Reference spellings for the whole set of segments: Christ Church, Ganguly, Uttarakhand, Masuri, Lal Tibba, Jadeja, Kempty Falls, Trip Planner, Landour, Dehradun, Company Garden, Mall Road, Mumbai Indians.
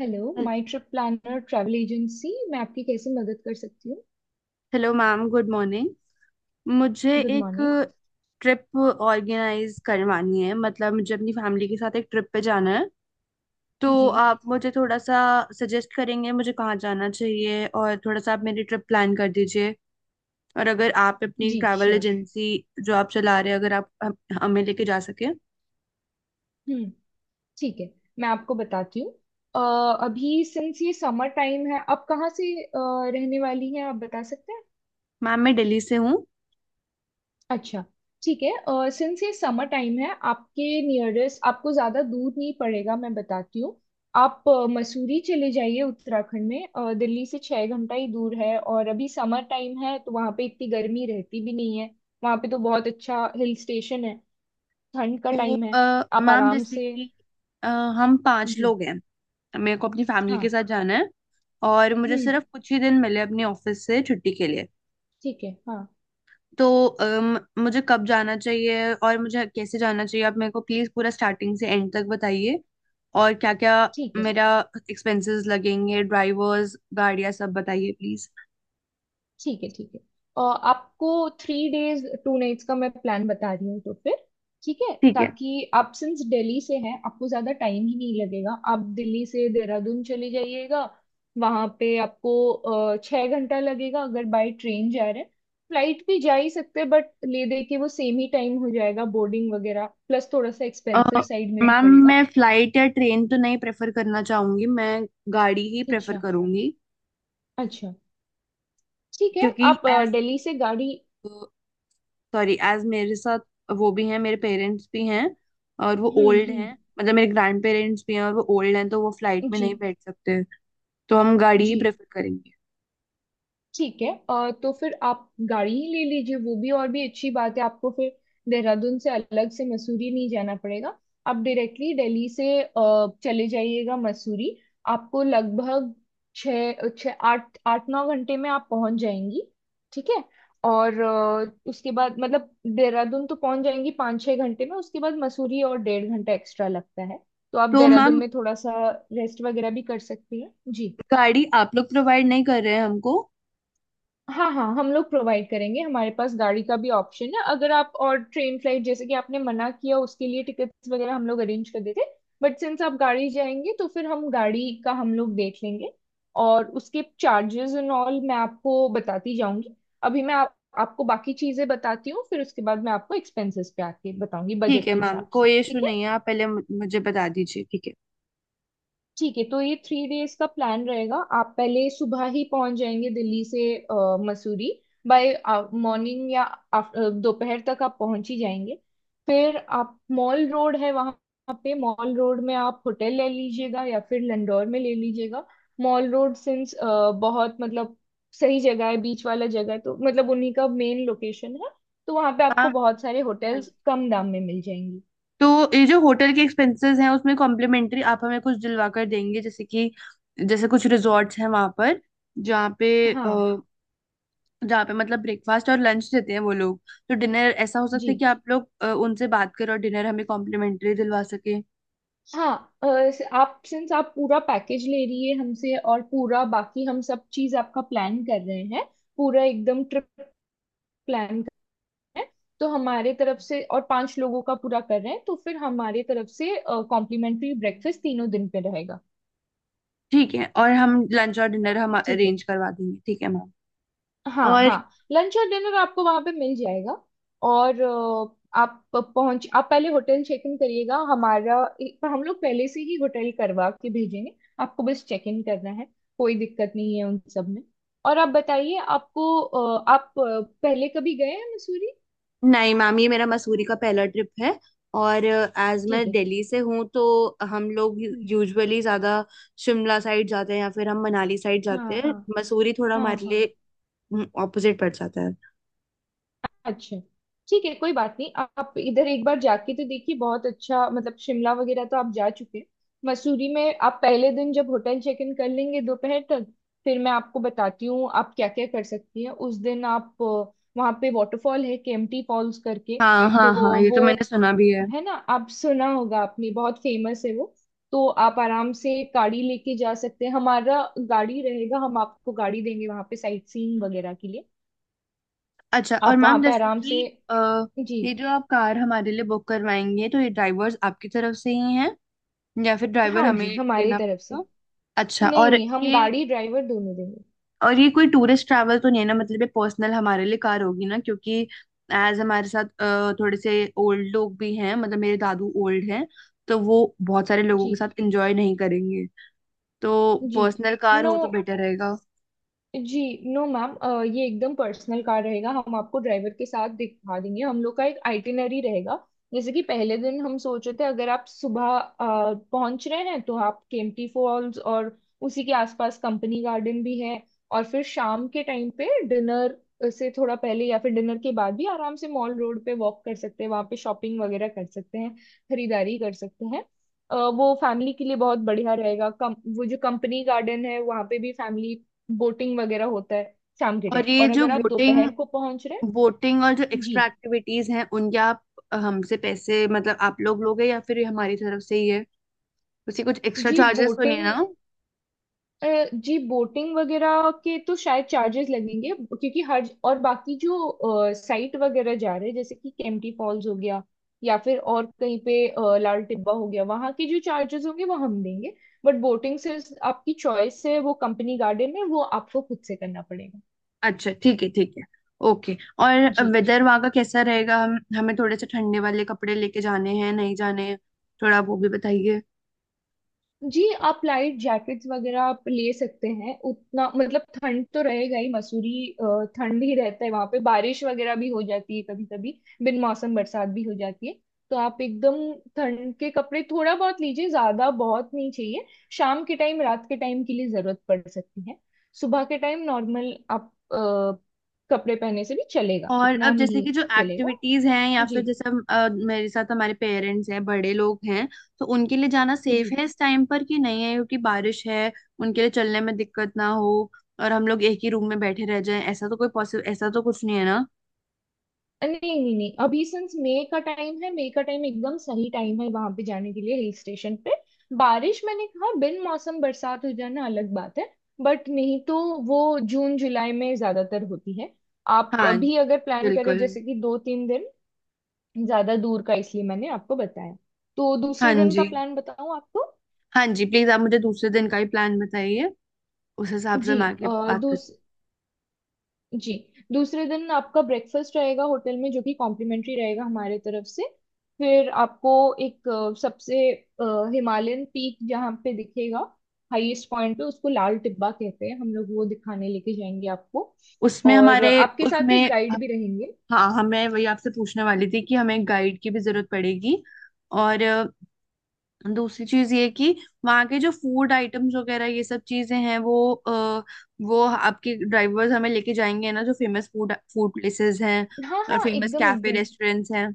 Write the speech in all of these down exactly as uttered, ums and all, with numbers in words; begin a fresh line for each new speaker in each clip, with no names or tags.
Hello,
हेल-
my trip planner travel agency. मैं आपकी कैसे मदद कर सकती हूँ?
Hello ma'am, good morning. मुझे
गुड
एक
मॉर्निंग।
ट्रिप ऑर्गेनाइज करवानी है, मतलब मुझे अपनी फैमिली के साथ एक ट्रिप पे जाना है। तो
जी।
आप मुझे थोड़ा सा सजेस्ट करेंगे मुझे कहाँ जाना चाहिए, और थोड़ा सा आप मेरी ट्रिप प्लान कर दीजिए। और अगर आप अपनी
जी
ट्रैवल
श्योर।
एजेंसी जो आप चला रहे हैं, अगर आप हम- हमें लेके जा सके।
हम्म। ठीक है, मैं आपको बताती हूँ। अ, अभी सिंस ये समर टाइम है, आप कहाँ से अ, रहने वाली हैं, आप बता सकते हैं?
मैम मैं दिल्ली से हूँ।
अच्छा। ठीक है। और सिंस ये समर टाइम है, आपके नियरेस्ट आपको ज़्यादा दूर नहीं पड़ेगा, मैं बताती हूँ। आप अ, मसूरी चले जाइए, उत्तराखंड में। अ, दिल्ली से छः घंटा ही दूर है और अभी समर टाइम है, तो वहाँ पे इतनी गर्मी रहती भी नहीं है। वहाँ पे तो बहुत अच्छा हिल स्टेशन है। ठंड का
तो
टाइम है।
अ,
आप
मैम
आराम
जैसे
से।
कि अ, हम पांच
जी।
लोग हैं। मेरे को अपनी फैमिली के
हाँ।
साथ जाना है और मुझे
हम्म।
सिर्फ कुछ ही दिन मिले अपने ऑफिस से छुट्टी के लिए।
ठीक है, हाँ।
तो अम, मुझे कब जाना चाहिए और मुझे कैसे जाना चाहिए, आप मेरे को प्लीज पूरा स्टार्टिंग से एंड तक बताइए। और क्या क्या
ठीक है,
मेरा एक्सपेंसेस लगेंगे, ड्राइवर्स, गाड़ियाँ सब बताइए प्लीज।
ठीक है। ठीक है। और आपको थ्री डेज टू नाइट्स का मैं प्लान बता रही हूँ तो फिर। ठीक है,
ठीक है।
ताकि आप, सिंस दिल्ली से हैं, आपको ज्यादा टाइम ही नहीं लगेगा। आप दिल्ली से देहरादून चले जाइएगा। वहां पे आपको अ, छह घंटा लगेगा, अगर बाय ट्रेन जा रहे हैं। फ्लाइट भी जा ही सकते हैं, बट ले दे के वो सेम ही टाइम हो जाएगा, बोर्डिंग वगैरह प्लस थोड़ा सा
अ,
एक्सपेंसिव साइड में भी
मैम
पड़ेगा।
मैं फ्लाइट या ट्रेन तो नहीं प्रेफर करना चाहूंगी, मैं गाड़ी ही प्रेफर
अच्छा,
करूंगी।
अच्छा। ठीक है।
क्योंकि
आप अ,
एज,
दिल्ली से गाड़ी।
सॉरी, एज मेरे साथ वो भी हैं, मेरे पेरेंट्स भी हैं और वो
हम्म,
ओल्ड हैं,
हम्म।
मतलब मेरे ग्रैंड पेरेंट्स भी हैं और वो ओल्ड हैं, तो वो फ्लाइट में
जी।
नहीं बैठ सकते। तो हम गाड़ी ही
जी।
प्रेफर करेंगे।
ठीक है। अ, तो फिर आप गाड़ी ही ले लीजिए, वो भी और भी अच्छी बात है। आपको फिर देहरादून से अलग से मसूरी नहीं जाना पड़ेगा। आप डायरेक्टली दिल्ली से अ, चले जाइएगा मसूरी। आपको लगभग छः छः आठ आठ नौ घंटे में आप पहुंच जाएंगी। ठीक है। और अ, उसके बाद मतलब, देहरादून तो पहुंच जाएंगी पाँच छः घंटे में, उसके बाद मसूरी और डेढ़ घंटा एक्स्ट्रा लगता है। तो आप
तो
देहरादून
मैम,
में थोड़ा सा रेस्ट वगैरह भी कर सकती हैं जी।
गाड़ी आप लोग प्रोवाइड नहीं कर रहे हैं हमको?
हाँ, हाँ, हम लोग प्रोवाइड करेंगे। हमारे पास गाड़ी का भी ऑप्शन है। अगर आप और ट्रेन फ्लाइट, जैसे कि आपने मना किया, उसके लिए टिकट्स वगैरह हम लोग अरेंज कर देते। बट सिंस आप गाड़ी जाएंगे, तो फिर हम गाड़ी का हम लोग देख लेंगे। और उसके चार्जेस एंड ऑल मैं आपको बताती जाऊंगी। अभी मैं आप, आपको बाकी चीजें बताती हूँ, फिर उसके बाद मैं आपको एक्सपेंसेस पे आके बताऊंगी
ठीक
बजट
है
के
मैम,
हिसाब से,
कोई इशू
ठीक है?
नहीं है, आप पहले मु- मुझे बता दीजिए, ठीक है।
ठीक है। तो ये थ्री डेज का प्लान रहेगा। आप पहले सुबह ही पहुंच जाएंगे दिल्ली से अ, मसूरी। बाय मॉर्निंग या af- अ, दोपहर तक आप पहुंच ही जाएंगे। फिर आप, मॉल रोड है वहां पे, मॉल रोड में आप होटल ले लीजिएगा या फिर लंडौर में ले लीजिएगा। मॉल रोड सिंस बहुत मतलब सही जगह है, बीच वाला जगह है, तो मतलब उन्हीं का मेन लोकेशन है। तो वहां पे
हाँ।
आपको बहुत सारे होटल्स
हाँ।
कम दाम में मिल जाएंगी।
तो ये जो होटल के एक्सपेंसेस हैं उसमें कॉम्प्लीमेंट्री आप हमें कुछ दिलवा कर देंगे, जैसे कि जैसे कुछ रिजॉर्ट्स हैं वहां पर जहाँ पे,
हाँ।
जहाँ पे मतलब ब्रेकफास्ट और लंच देते हैं वो लोग, तो डिनर ऐसा हो सकता
जी।
है कि आप लोग अ, उनसे बात करें और डिनर हमें कॉम्प्लीमेंट्री दिलवा सके।
हाँ। अ, स- आप, सिंस आप पूरा पैकेज ले रही है हमसे, और पूरा बाकी हम सब चीज आपका प्लान कर रहे हैं, पूरा एकदम ट्रिप प्लान कर रहे हैं, तो हमारे तरफ से, और पांच लोगों का पूरा कर रहे हैं, तो फिर हमारे तरफ से कॉम्प्लीमेंट्री ब्रेकफास्ट तीनों दिन पे रहेगा।
ठीक है, और हम लंच और डिनर हम
ठीक है।
अरेंज करवा देंगे, ठीक है मैम।
हाँ,
और
हाँ। लंच और डिनर आपको वहां पे मिल जाएगा। और अ, आप पहुंच आप पहले होटल चेक इन करिएगा हमारा, पर हम लोग पहले से ही होटल करवा के भेजेंगे। आपको बस चेक इन करना है। कोई दिक्कत नहीं है उन सब में। और आप बताइए, आपको अ, आप अ, पहले कभी गए हैं मसूरी?
नहीं मैम, ये मेरा मसूरी का पहला ट्रिप है। और एज मैं
ठीक है।
दिल्ली से हूँ तो हम लोग
हम्म,
यूजुअली ज्यादा शिमला साइड जाते हैं या फिर हम मनाली साइड जाते
हाँ,
हैं,
हाँ।
मसूरी थोड़ा
हाँ,
हमारे
हाँ।
लिए ऑपोजिट पड़ जाता है।
अच्छा। ठीक है, कोई बात नहीं। आप इधर एक बार जाके तो देखिए, बहुत अच्छा मतलब। शिमला वगैरह तो आप जा चुके हैं। मसूरी में आप पहले दिन जब होटल चेक इन कर लेंगे दोपहर तक, फिर मैं आपको बताती हूँ आप क्या क्या कर सकती हैं। उस दिन आप अ, वहाँ पे वाटरफॉल है, केम्प्टी फॉल्स करके।
हाँ हाँ
तो
हाँ, ये तो मैंने
वो,
सुना भी है।
है ना, आप सुना होगा आपने, बहुत फेमस है वो। तो आप आराम से गाड़ी लेके जा सकते हैं, हमारा गाड़ी रहेगा। हम आपको गाड़ी देंगे वहाँ पे साइट सीइंग वगैरह के लिए।
अच्छा, और
आप वहाँ
मैम
पे
जैसे
आराम से।
कि अ,
जी।
ये जो आप कार हमारे लिए बुक करवाएंगे, तो ये ड्राइवर्स आपकी तरफ से ही हैं या फिर ड्राइवर
हाँ
हमें
जी, हमारी
देना
तरफ से।
पड़ेगा? अच्छा,
नहीं,
और
नहीं, हम
ये
गाड़ी ड्राइवर दोनों देंगे।
और ये कोई टूरिस्ट ट्रैवल तो नहीं है ना, मतलब ये पर्सनल हमारे लिए कार होगी ना, क्योंकि एज हमारे साथ अ, थोड़े से ओल्ड लोग भी हैं, मतलब मेरे दादू ओल्ड हैं, तो वो बहुत सारे लोगों
जी।
के साथ एंजॉय नहीं करेंगे। तो
जी।
Personal car
no.
हो तो बेटर रहेगा।
जी। नो मैम, अ, ये एकदम पर्सनल कार रहेगा। हम आपको ड्राइवर के साथ दिखा देंगे, हम लोग का एक आइटिनरी रहेगा। जैसे कि पहले दिन हम सोच रहे थे, अगर आप सुबह अ, पहुंच रहे हैं, तो आप केम्प्टी फॉल्स और उसी के आसपास कंपनी गार्डन भी है। और फिर शाम के टाइम पे डिनर से थोड़ा पहले या फिर डिनर के बाद भी आराम से मॉल रोड पे वॉक कर सकते हैं, वहाँ पे शॉपिंग वगैरह कर सकते हैं, खरीदारी कर सकते हैं। अ, वो फैमिली के लिए बहुत बढ़िया रहेगा। कम वो जो कंपनी गार्डन है वहाँ पे भी फैमिली बोटिंग वगैरह होता है शाम के
और
टाइम,
ये
और
जो
अगर आप
बोटिंग
दोपहर को पहुंच रहे
बोटिंग और जो
हैं। जी।
एक्स्ट्रा एक्टिविटीज हैं उनके आप अ, हमसे पैसे मतलब आप लोग लोगे, या फिर ये हमारी तरफ से ही है? उसी कुछ एक्स्ट्रा
जी,
चार्जेस तो नहीं है
बोटिंग,
ना?
जी, बोटिंग वगैरह के तो शायद चार्जेस लगेंगे, क्योंकि हर और बाकी जो साइट वगैरह जा रहे हैं, जैसे कि केम्प्टी फॉल्स हो गया या फिर और कहीं पे अ, लाल टिब्बा हो गया, वहाँ के जो चार्जेस होंगे वो हम देंगे। बट बोटिंग से, आपकी चॉइस है, वो कंपनी गार्डन है वो आपको खुद से करना पड़ेगा।
अच्छा ठीक है ठीक है, ओके। और
जी।
वेदर वहाँ का कैसा रहेगा, हम हमें थोड़े से ठंडे वाले कपड़े लेके जाने हैं नहीं जाने हैं, थोड़ा वो भी बताइए।
जी, आप लाइट जैकेट्स वगैरह आप ले सकते हैं, उतना मतलब। ठंड तो रहेगा ही मसूरी। अ, ठंड ही रहता है वहां पे, बारिश वगैरह भी हो जाती है कभी कभी, बिन मौसम बरसात भी हो जाती है। तो आप एकदम ठंड के कपड़े थोड़ा बहुत लीजिए, ज्यादा बहुत नहीं चाहिए। शाम के टाइम, रात के टाइम के लिए जरूरत पड़ सकती है। सुबह के टाइम नॉर्मल आप अ, कपड़े पहने से भी चलेगा,
और
उतना
अब जैसे
नहीं
कि जो
चलेगा।
एक्टिविटीज हैं, या
जी।
फिर जैसे हम, अ, मेरे साथ हमारे पेरेंट्स हैं, बड़े लोग हैं, तो उनके लिए जाना सेफ
जी।
है इस टाइम पर कि नहीं है, क्योंकि बारिश है, उनके लिए चलने में दिक्कत ना हो। और हम लोग एक ही रूम में बैठे रह जाएं, ऐसा तो कोई पॉसिबल, ऐसा तो कुछ नहीं है ना?
नहीं, नहीं, नहीं, अभी सिंस मई का टाइम है। मई का टाइम एकदम सही टाइम है वहां पे जाने के लिए हिल स्टेशन पे। बारिश, मैंने कहा, बिन मौसम बरसात हो जाना अलग बात है। बट नहीं तो वो जून जुलाई में ज्यादातर होती है। आप
हाँ,
अभी अगर प्लान करें,
बिल्कुल।
जैसे कि दो तीन दिन, ज्यादा दूर का इसलिए मैंने आपको बताया। तो
हाँ
दूसरे दिन का
जी।
प्लान बताऊं आपको?
हाँ जी, प्लीज आप मुझे दूसरे दिन का ही प्लान बताइए, उस हिसाब से
जी।
मैं आगे बात कर।
जी। दूसरे दिन आपका ब्रेकफास्ट रहेगा होटल में, जो कि कॉम्प्लीमेंट्री रहेगा हमारे तरफ से। फिर आपको एक अ, सबसे हिमालयन पीक जहाँ पे दिखेगा, हाईएस्ट पॉइंट पे, उसको लाल टिब्बा कहते हैं हम लोग, वो दिखाने लेके जाएंगे आपको।
उसमें
और
हमारे
आपके साथ एक
उसमें
गाइड भी रहेंगे।
हाँ, हमें वही आपसे पूछने वाली थी कि हमें गाइड की भी जरूरत पड़ेगी। और अ, दूसरी चीज ये कि वहाँ के जो फूड आइटम्स वगैरह ये सब चीजें हैं, वो आ, वो आपके ड्राइवर्स हमें लेके जाएंगे ना, जो फेमस फूड फूड प्लेसेस हैं
हाँ,
और
हाँ,
फेमस
एकदम,
कैफे
एकदम।
रेस्टोरेंट्स हैं।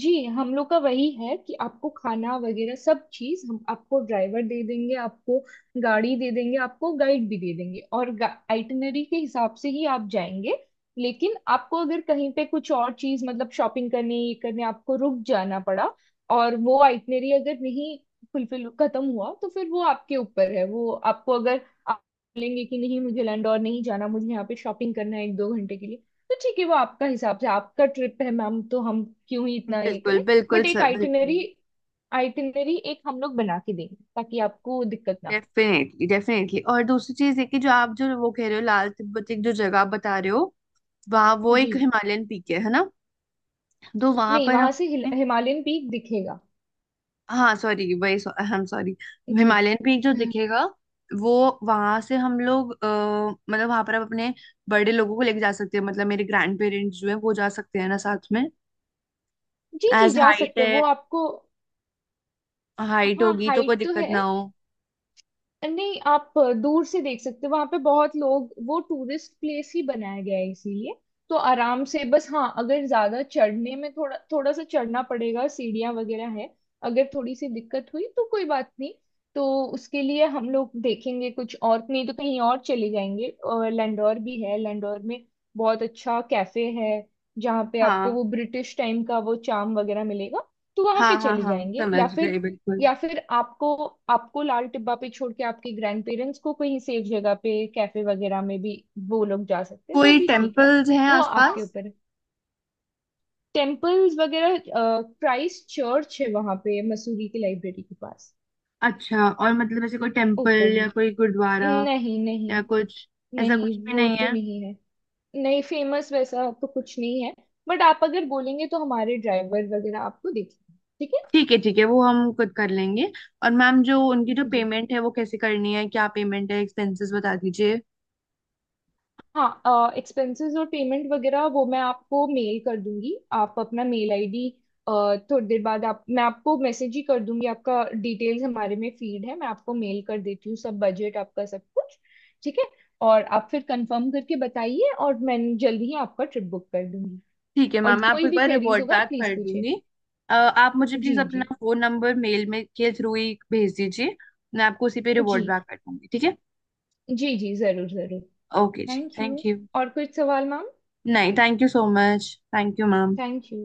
जी, हम लोग का वही है कि आपको खाना वगैरह सब चीज हम आपको, ड्राइवर दे देंगे, आपको गाड़ी दे देंगे, आपको गाइड भी दे देंगे, और आइटिनरी के हिसाब से ही आप जाएंगे। लेकिन आपको अगर कहीं पे कुछ और चीज मतलब शॉपिंग करने, ये करने, आपको रुक जाना पड़ा, और वो आइटिनरी अगर नहीं फुलफिल, खत्म हुआ, तो फिर वो आपके ऊपर है। वो आपको, अगर आप बोलेंगे कि नहीं मुझे लंडौर नहीं जाना, मुझे यहाँ पे शॉपिंग करना है एक दो घंटे के लिए, तो ठीक है। वो आपका हिसाब से, आपका ट्रिप है मैम, तो हम क्यों ही इतना ये
बिल्कुल
करें।
बिल्कुल
बट एक
सर,
आइटिनरी,
बिल्कुल।
आइटिनरी एक हम लोग बना के देंगे ताकि आपको दिक्कत ना
डेफिनेटली डेफिनेटली। और दूसरी चीज ये कि जो आप जो वो कह रहे हो लाल तिब्बत, एक जो जगह बता रहे हो, वहाँ
हो।
वो
जी।
एक हिमालयन पीक है है ना? तो वहां
नहीं,
पर
वहां से हिल-
हम,
हिमालयन पीक दिखेगा।
हाँ सॉरी वही, आई एम सॉरी,
जी। जी।
हिमालयन पीक जो दिखेगा वो, वहां से हम लोग अ, मतलब वहां पर आप अपने बड़े लोगों को लेके जा सकते हैं, मतलब मेरे ग्रैंड पेरेंट्स जो है वो जा सकते हैं ना साथ में,
जी,
एज
जा
हाइट
सकते हैं
है,
वो आपको।
हाइट
हाँ,
होगी तो कोई
हाइट तो
दिक्कत
है।
ना हो।
नहीं, आप दूर से देख सकते हो, वहां पे बहुत लोग, वो टूरिस्ट प्लेस ही बनाया गया है इसीलिए। तो आराम से बस। हाँ, अगर ज्यादा चढ़ने में थोड़ा थोड़ा सा चढ़ना पड़ेगा, सीढ़ियाँ वगैरह है, अगर थोड़ी सी दिक्कत हुई तो कोई बात नहीं। तो उसके लिए हम लोग देखेंगे, कुछ और नहीं तो कहीं और चले जाएंगे, और लैंडोर भी है, लैंडोर में बहुत अच्छा कैफे है, जहाँ पे आपको
हाँ
वो ब्रिटिश टाइम का वो चार्म वगैरह मिलेगा। तो वहां पे
हाँ हाँ,
चले
हाँ
जाएंगे, या
समझ
फिर,
गई बिल्कुल।
या फिर आपको, आपको लाल टिब्बा पे छोड़ के आपके ग्रैंड पेरेंट्स को कहीं सेफ जगह पे कैफे वगैरह में भी वो लोग जा सकते हैं, वो
कोई
भी ठीक है।
टेम्पल्स हैं
वो आपके
आसपास?
ऊपर है। टेम्पल्स वगैरह, क्राइस्ट चर्च है वहां पे मसूरी की लाइब्रेरी के पास,
अच्छा, और मतलब ऐसे कोई टेम्पल
ऊपर ही।
या कोई गुरुद्वारा
नहीं, नहीं,
या कुछ, ऐसा
नहीं,
कुछ भी
वो
नहीं
तो
है?
नहीं है। नहीं, फेमस वैसा तो कुछ नहीं है। बट आप अगर बोलेंगे तो हमारे ड्राइवर वगैरह आपको देखेंगे, ठीक है?
ठीक है ठीक है, वो हम खुद कर लेंगे। और मैम जो उनकी जो
जी।
पेमेंट है वो कैसे करनी है, क्या पेमेंट है एक्सपेंसेस बता दीजिए।
हाँ, एक्सपेंसेस और पेमेंट वगैरह वो मैं आपको मेल कर दूंगी, आप अपना मेल आईडी। थोड़ी देर बाद, आप मैं आपको मैसेज ही कर दूंगी, आपका डिटेल्स हमारे में फीड है। मैं आपको मेल कर देती हूँ सब, बजट आपका सब कुछ। ठीक है। और आप फिर कंफर्म करके बताइए, और मैं जल्दी ही आपका ट्रिप बुक कर दूंगी।
ठीक है
और
मैम, मैं आपको
कोई
एक
भी
बार
क्वेरीज
रिवॉर्ड
होगा,
बैक
प्लीज
कर
पूछे।
दूंगी। अ, आप मुझे प्लीज
जी।
अपना
जी।
फोन नंबर मेल में के थ्रू ही भेज दीजिए, मैं आपको उसी पे
जी।
रिवॉर्ड बैक कर दूंगी, ठीक है।
जी। जी, जरूर, जरूर।
ओके जी,
थैंक यू।
Thank you.
और कुछ सवाल मैम?
नहीं, thank you so much, thank you ma'am.
Thank you.